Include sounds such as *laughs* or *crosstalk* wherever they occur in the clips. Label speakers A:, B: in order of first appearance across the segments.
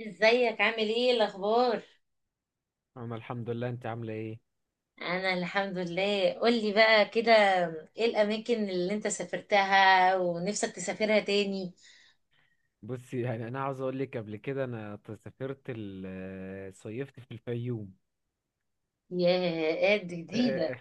A: ازيك عامل ايه الاخبار؟
B: انا الحمد لله. انت عامله ايه؟
A: انا الحمد لله. قولي بقى كده، ايه الاماكن اللي انت سافرتها ونفسك تسافرها تاني؟
B: بصي، يعني انا عاوز اقول لك، قبل كده انا سافرت صيفت في الفيوم.
A: يا قد
B: *laughs* اه آه.
A: جديده.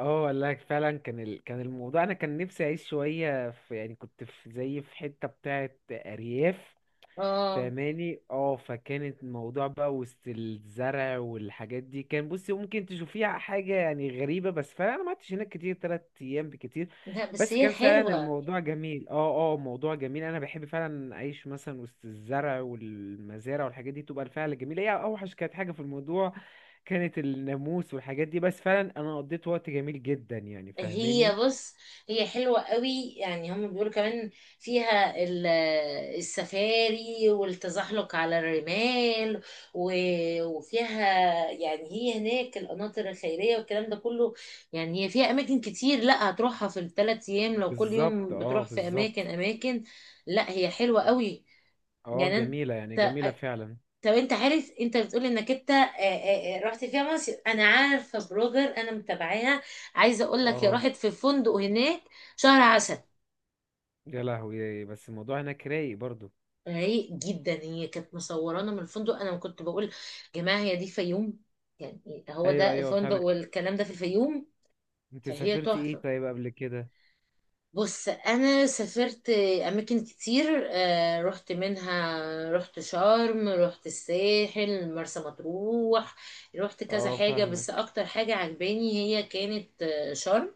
B: اه والله فعلا كان الموضوع انا كان نفسي اعيش شويه في، يعني كنت في زي في حته بتاعه ارياف،
A: اه.
B: فاهماني؟ اه، فكانت الموضوع بقى وسط الزرع والحاجات دي، كان، بصي، ممكن تشوفيها حاجة يعني غريبة، بس فعلا انا ما قعدتش هناك كتير، تلات ايام بكتير.
A: لا بس
B: بس
A: هي
B: كان فعلا
A: حلوه.
B: الموضوع جميل، اه موضوع جميل. انا بحب فعلا اعيش مثلا وسط الزرع والمزارع والحاجات دي، تبقى الفعل جميل. هي اوحش كانت حاجة في الموضوع كانت الناموس والحاجات دي، بس فعلا انا قضيت وقت جميل جدا يعني،
A: هي
B: فاهماني؟
A: بص، هي حلوة قوي يعني. هم بيقولوا كمان فيها السفاري والتزحلق على الرمال، وفيها يعني، هي هناك القناطر الخيرية والكلام ده كله. يعني هي فيها أماكن كتير، لا هتروحها في الثلاث أيام لو كل
B: بالظبط
A: يوم
B: اه
A: بتروح في
B: بالظبط
A: أماكن. لا هي حلوة قوي
B: اه،
A: يعني.
B: جميلة يعني،
A: أنت
B: جميلة فعلا.
A: طب انت عارف، انت بتقول انك انت رحت فيها مصيف. انا عارفه بلوجر انا متابعاها، عايزه اقول لك هي
B: اه.
A: راحت في فندق هناك شهر عسل.
B: يا لهوي، بس الموضوع هناك رايق برضو.
A: رايق جدا. هي كانت مصورانا من الفندق، انا كنت بقول يا جماعه هي دي فيوم؟ يعني هو
B: ايوه
A: ده
B: ايوه،
A: الفندق
B: فاهمك.
A: والكلام ده في الفيوم.
B: انت
A: فهي
B: سافرتي ايه
A: تحفه.
B: طيب قبل كده؟
A: بص انا سافرت اماكن كتير. رحت منها، رحت شرم، رحت الساحل، مرسى مطروح، رحت كذا
B: اه
A: حاجة. بس
B: فاهمك.
A: اكتر حاجة عجباني هي كانت شرم.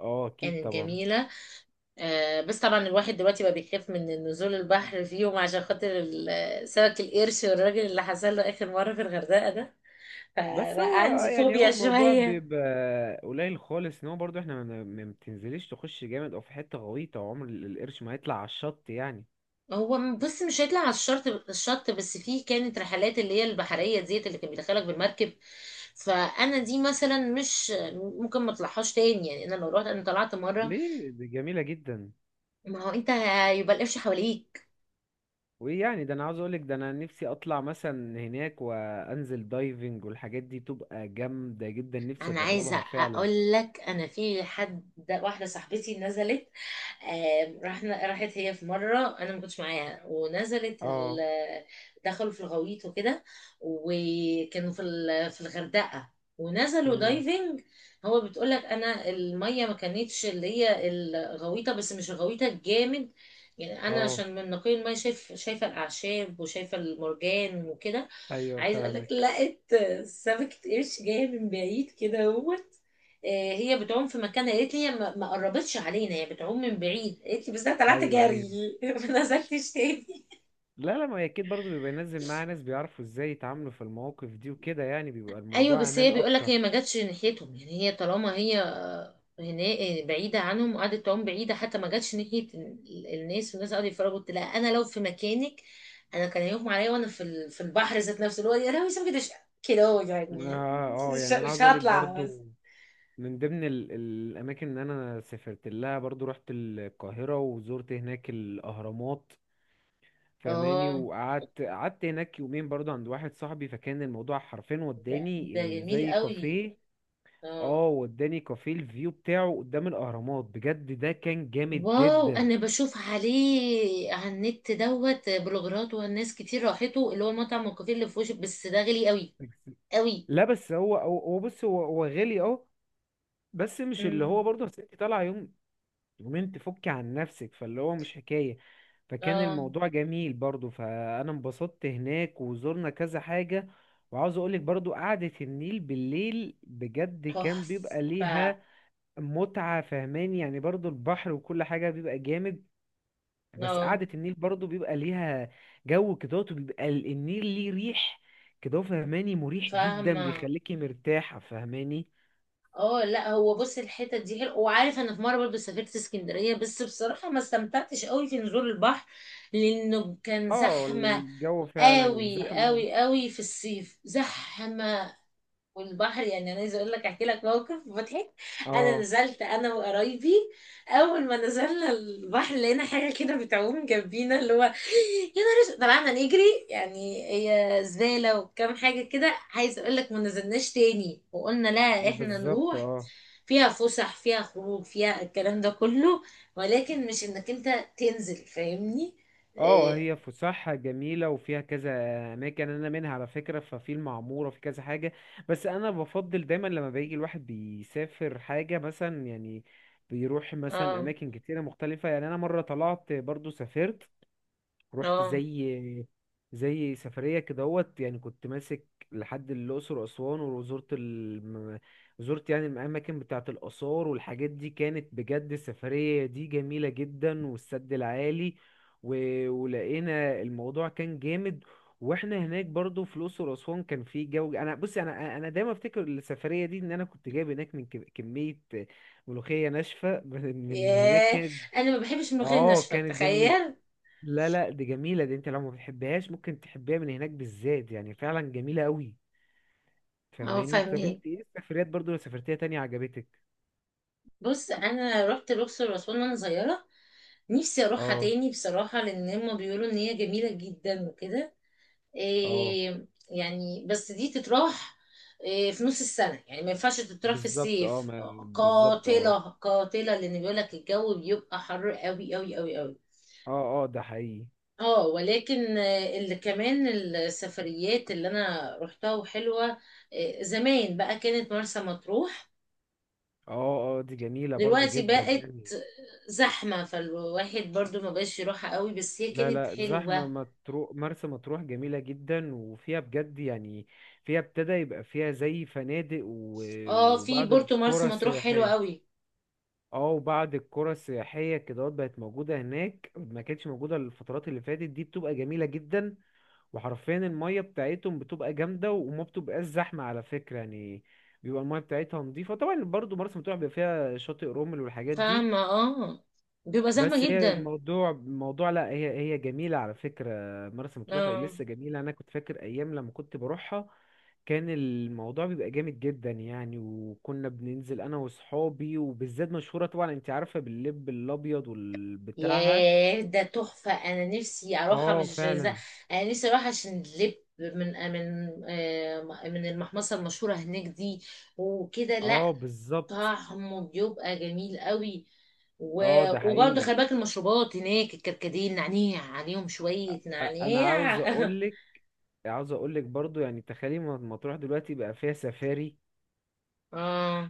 B: اه اكيد
A: كانت
B: طبعا.
A: جميلة. بس طبعا الواحد دلوقتي بقى بيخاف من نزول البحر فيهم عشان خاطر سمك القرش، والراجل اللي حصل له اخر مرة في الغردقة ده.
B: بس
A: فبقى
B: هو
A: عندي
B: يعني، هو
A: فوبيا
B: الموضوع
A: شوية.
B: بيبقى قليل خالص، ان هو برضو احنا ما بتنزليش تخش جامد او في حته غويطه، وعمر القرش ما هيطلع على الشط يعني.
A: هو بص، مش هيطلع على الشط بس، فيه كانت رحلات اللي هي البحرية ديت اللي كان بيدخلك بالمركب. فانا دي مثلا مش ممكن ما اطلعهاش تاني يعني، انا لو رحت انا طلعت مرة.
B: ليه؟ دي جميله جدا.
A: ما هو انت هيبقى القفش حواليك.
B: وايه يعني؟ ده انا عاوز اقولك، ده انا نفسي اطلع مثلا هناك وانزل دايفنج والحاجات دي، تبقى جامده جدا، نفسي
A: انا عايزه
B: اجربها فعلا.
A: اقول لك، انا في حد، واحده صاحبتي نزلت. رحنا، راحت هي في مره انا ما كنتش معاها، ونزلت
B: اه.
A: دخلوا في الغويط وكده، وكانوا في في الغردقه، ونزلوا
B: امم.
A: دايفنج. هو بتقول لك انا الميه ما كانتش اللي هي الغويطه، بس مش الغويطه الجامد يعني. انا
B: اه.
A: عشان من نقي الميه شايف، شايفه الاعشاب وشايفه المرجان وكده.
B: ايوه
A: عايزه اقول لك،
B: فاهمك.
A: لا، سمكة قرش جاية من بعيد كده اهوت. هي بتعوم في مكان، قالت لي هي ما قربتش علينا، هي بتعوم من بعيد قالت لي، بس انا طلعت
B: ايوه ايوه.
A: جري *laughs* ما نزلتش تاني.
B: لا لا، ما هي اكيد برضه بيبقى ينزل معاه ناس بيعرفوا ازاي يتعاملوا في المواقف دي وكده، يعني بيبقى
A: ايوه
B: الموضوع
A: بس
B: امان
A: هي بيقول
B: اكتر،
A: لك
B: اه.
A: هي ما جاتش ناحيتهم يعني، هي طالما هي هنا، بعيده عنهم وقعدت تعوم بعيده، حتى ما جاتش ناحيه الناس، والناس قعدوا يتفرجوا. قلت لها انا لو في مكانك انا كان هيغمى عليا، وانا في في البحر ذات نفسه اللي هو، يا لهوي سمكة قرش كده هو يعني.
B: اه آه،
A: مش
B: يعني انا عاوز
A: مش
B: اقولك
A: هطلع بس.
B: برضه، من ضمن الاماكن اللي انا سافرت لها برضه، رحت القاهره وزرت هناك الاهرامات. فماني،
A: اه،
B: وقعدت هناك يومين برضه عند واحد صاحبي، فكان الموضوع حرفيا
A: ده,
B: وداني
A: ده
B: إيه،
A: جميل
B: زي
A: قوي.
B: كافيه.
A: اه.
B: اه، وداني كافيه الفيو بتاعه قدام الاهرامات، بجد ده كان جامد
A: واو
B: جدا.
A: انا بشوف عليه على النت دوت بلوجرات والناس كتير راحته، اللي هو مطعم الكافيه اللي في وشك، بس ده غالي قوي.
B: لا بس هو، هو بص، هو غالي، اه. بس مش اللي هو
A: امم.
B: برضه، أصل انت طالعه يوم يومين تفكي عن نفسك، فاللي هو مش حكايه. فكان
A: اه.
B: الموضوع جميل برضه، فانا انبسطت هناك وزرنا كذا حاجه. وعاوز اقولك برضه قعدة النيل بالليل بجد كان بيبقى
A: تحفه.
B: ليها متعة، فهماني يعني. برضه البحر وكل حاجة بيبقى جامد، بس
A: اه.
B: قعدة النيل برضه بيبقى ليها جو كده، وبيبقى النيل ليه ريح كده، فهماني، مريح جدا،
A: فاهمه.
B: بيخليكي مرتاحة، فهماني.
A: اه لا، هو بص، الحته دي حلوه. وعارف انا في مره برضه سافرت اسكندريه، بس بصراحه ما استمتعتش قوي في نزول البحر لانه كان
B: اه
A: زحمه
B: الجو فعلا
A: قوي
B: زحمة.
A: قوي قوي في الصيف زحمه. والبحر يعني، انا عايزه اقول لك، احكي لك موقف مضحك. انا
B: اه
A: نزلت انا وقرايبي، اول ما نزلنا البحر لقينا حاجه كده بتعوم جنبينا اللي هو، يا نهار أسود. طلعنا نجري. يعني هي زباله وكام حاجه كده. عايزه اقول لك ما نزلناش تاني وقلنا لا احنا
B: بالظبط
A: نروح.
B: اه.
A: فيها فسح، فيها خروج، فيها الكلام ده كله، ولكن مش انك انت تنزل، فاهمني؟
B: اه
A: إيه.
B: هي فسحة جميلة وفيها كذا أماكن، أنا منها على فكرة ففي المعمورة، في كذا حاجة. بس أنا بفضل دايما لما بيجي الواحد بيسافر حاجة مثلا، يعني بيروح مثلا
A: اه.
B: أماكن كتيرة مختلفة. يعني أنا مرة طلعت برضو، سافرت، رحت
A: اه.
B: زي زي سفرية كدهوت، يعني كنت ماسك لحد الأقصر وأسوان، زرت يعني الأماكن بتاعة الآثار والحاجات دي، كانت بجد السفرية دي جميلة جدا، والسد العالي، و... ولقينا الموضوع كان جامد. واحنا هناك برضو في الأقصر وأسوان كان في جو. انا بصي، انا دايما افتكر السفرية دي ان انا كنت جايب هناك من كمية ملوخية ناشفة *laughs* من هناك،
A: ياه،
B: كانت
A: انا ما بحبش الملوخيه
B: اه
A: الناشفه،
B: كانت جميلة.
A: تخيل.
B: لا لا دي جميلة، دي انت لو ما بتحبهاش ممكن تحبيها من هناك بالذات، يعني فعلا جميلة قوي.
A: اه
B: فاهماني؟ طب
A: فاهمه.
B: انت ايه السفريات برضو لو سافرتيها تانية عجبتك؟
A: بص انا رحت الاقصر واسوان وانا صغيره، نفسي اروحها
B: اه.
A: تاني بصراحه، لان هما بيقولوا ان هي جميله جدا وكده.
B: اه
A: إيه يعني، بس دي تتراح إيه في نص السنه يعني، ما ينفعش تتراح في
B: بالظبط، اه
A: الصيف.
B: ما بالظبط اه.
A: قاتله قاتله. لان بيقول لك الجو بيبقى حر قوي.
B: اه. اه ده حقيقي.
A: اه ولكن اللي كمان السفريات اللي انا رحتها وحلوه، زمان بقى، كانت مرسى مطروح.
B: اه، اه دي جميلة برضو
A: دلوقتي
B: جدا
A: بقت
B: يعني.
A: زحمة فالواحد برضو ما بقاش يروحها قوي، بس هي
B: لا
A: كانت
B: لا، زحمة
A: حلوة.
B: مطروح، مرسى مطروح جميلة جدا وفيها بجد يعني، فيها ابتدى يبقى فيها زي فنادق
A: اه، في
B: وبعض
A: بورتو مارس
B: القرى
A: مطروح حلوة
B: سياحية.
A: قوي.
B: اه وبعد القرى السياحية كده بقت موجودة هناك، ما كانتش موجودة الفترات اللي فاتت دي، بتبقى جميلة جدا. وحرفيا المية بتاعتهم بتبقى جامدة وما بتبقاش زحمة على فكرة يعني، بيبقى المية بتاعتها نظيفة. طبعا برضو مرسى مطروح بيبقى فيها شاطئ رمل والحاجات دي.
A: فاهمة اه. بيبقى
B: بس
A: زحمة
B: هي
A: جدا.
B: الموضوع، لا هي جميلة على فكرة. مرسى مطروح
A: اه.
B: لسه جميلة، أنا كنت فاكر أيام لما كنت بروحها كان الموضوع بيبقى جامد جدا يعني، وكنا بننزل انا وصحابي، وبالذات مشهورة طبعا انت عارفة باللب الابيض والبتاعها.
A: ياه ده تحفة، انا نفسي اروحها
B: اه
A: مش ز...
B: فعلا.
A: انا نفسي اروح عشان لب، من من المحمصة المشهورة هناك دي وكده. لا،
B: اه بالظبط.
A: طعمه بيبقى جميل قوي. و...
B: اه ده
A: وبرضه خلي
B: حقيقي.
A: بالك، المشروبات هناك الكركديه، النعناع عليهم شوية
B: انا عاوز
A: نعناع. *laughs*
B: اقولك، عاوز اقولك برضو، يعني تخيلي ما تروح دلوقتي بقى فيها سفاري.
A: اه.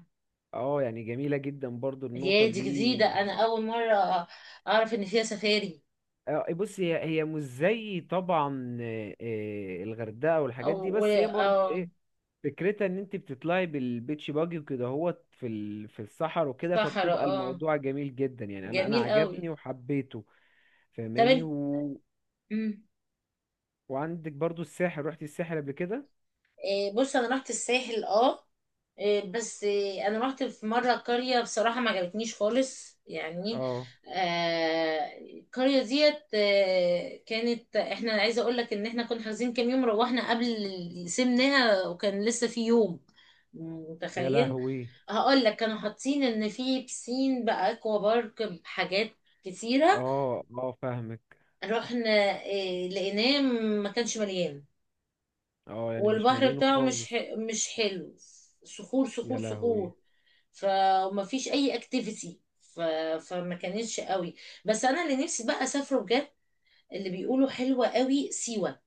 B: اه، يعني جميلة جدا برضو النقطة
A: هي دي
B: دي.
A: جديدة، انا اول مرة اعرف ان فيها سفاري.
B: آه، بص هي مش زي طبعا الغردقة
A: او.
B: والحاجات دي،
A: و...
B: بس هي برضو
A: اه.
B: إيه، فكرتها ان انت بتطلعي بالبيتش باجي وكده هوت في الصحر وكده،
A: صحراء
B: فبتبقى
A: اه،
B: الموضوع جميل جدا يعني، انا
A: جميل قوي.
B: عجبني وحبيته.
A: طب
B: فاهماني؟
A: انت. مم.
B: وعندك برضو الساحل، رحتي الساحل قبل كده؟
A: إيه، بص انا رحت الساحل اه. إيه، بس إيه، انا رحت في مره قريه بصراحه ما عجبتنيش خالص يعني.
B: اه.
A: آه القريه ديت آه كانت، احنا عايزه اقول لك ان احنا كنا حاجزين كام يوم، روحنا قبل، سيبناها وكان لسه في يوم.
B: يا
A: متخيل؟
B: لهوي.
A: هقول لك، كانوا حاطين ان في بسين، باكوا بارك، بحاجات كتيره.
B: اه اه فاهمك.
A: رحنا، إيه، لقيناه ما كانش مليان.
B: اه يعني مش
A: والبحر
B: مالينه
A: بتاعه
B: خالص.
A: مش حلو، صخور
B: يا
A: صخور
B: لهوي.
A: صخور فما فيش اي اكتيفيتي. فما كانتش قوي. بس انا اللي نفسي بقى اسافره بجد، اللي بيقولوا حلوة قوي، سيوة.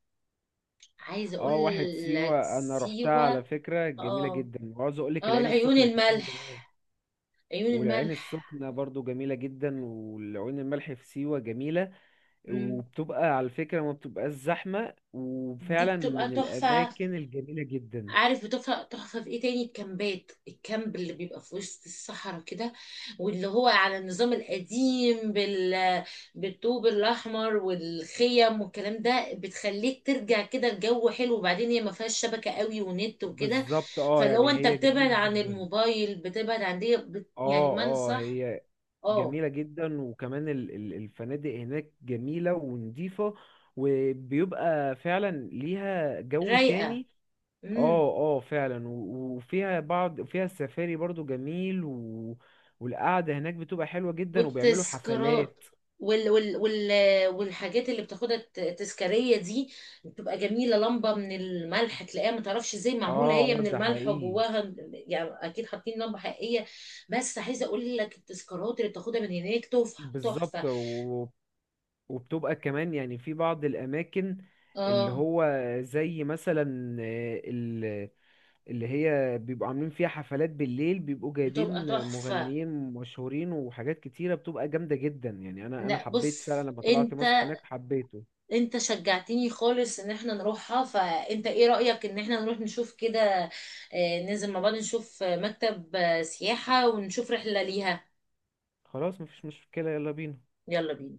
A: عايزة اقول
B: اه، واحد
A: لك
B: سيوة انا رحتها على
A: سيوة.
B: فكرة جميلة
A: اه.
B: جدا، وعاوز اقول لك
A: اه
B: العين
A: العيون
B: السخنة كمان جميلة.
A: الملح، عيون
B: والعين
A: الملح.
B: السخنة برضو جميلة جدا، والعين الملح في سيوة جميلة.
A: مم.
B: وبتبقى على فكرة ما بتبقاش زحمة
A: دي
B: وفعلا
A: بتبقى
B: من
A: تحفة.
B: الأماكن الجميلة جدا.
A: عارف بتفرق تحفة في ايه تاني؟ الكامبات، الكامب اللي بيبقى في وسط الصحراء كده، واللي هو على النظام القديم بالطوب الأحمر والخيم والكلام ده، بتخليك ترجع كده، الجو حلو، وبعدين هي ما فيهاش شبكة قوي ونت وكده.
B: بالظبط اه،
A: فلو
B: يعني
A: انت
B: هي
A: بتبعد
B: جميلة
A: عن
B: جدا.
A: الموبايل بتبعد عن دي. يعني
B: اه.
A: ما
B: اه
A: انصح.
B: هي
A: اه.
B: جميلة جدا. وكمان الفنادق هناك جميلة ونضيفة، وبيبقى فعلا ليها جو
A: رايقة.
B: تاني.
A: امم.
B: اه. اه فعلا. وفيها بعض، فيها السفاري برضو جميل، والقعدة هناك بتبقى حلوة جدا وبيعملوا
A: والتذكارات،
B: حفلات.
A: وال والحاجات اللي بتاخدها التذكارية دي، بتبقى جميلة. لمبة من الملح تلاقيها ما تعرفش ازاي
B: اه
A: معمولة، هي
B: آه،
A: من
B: ده
A: الملح
B: حقيقي.
A: وجواها يعني اكيد حاطين لمبة حقيقية. بس عايزة اقول لك التذكارات اللي بتاخدها من هناك تحفة
B: بالظبط.
A: تحفة.
B: وبتبقى كمان يعني في بعض الأماكن اللي
A: اه.
B: هو زي مثلا اللي هي بيبقوا عاملين فيها حفلات بالليل، بيبقوا
A: بتبقى
B: جايبين
A: تحفة.
B: مغنيين مشهورين وحاجات كتيرة بتبقى جامدة جدا يعني. أنا
A: لا
B: حبيت
A: بص
B: فعلا لما طلعت مصيف
A: انت،
B: هناك، حبيته.
A: انت شجعتني خالص ان احنا نروحها، فانت ايه رأيك ان احنا نروح نشوف كده، ننزل مع بعض، نشوف مكتب سياحة، ونشوف رحلة ليها؟
B: خلاص مفيش مشكلة، يلا بينا.
A: يلا بينا.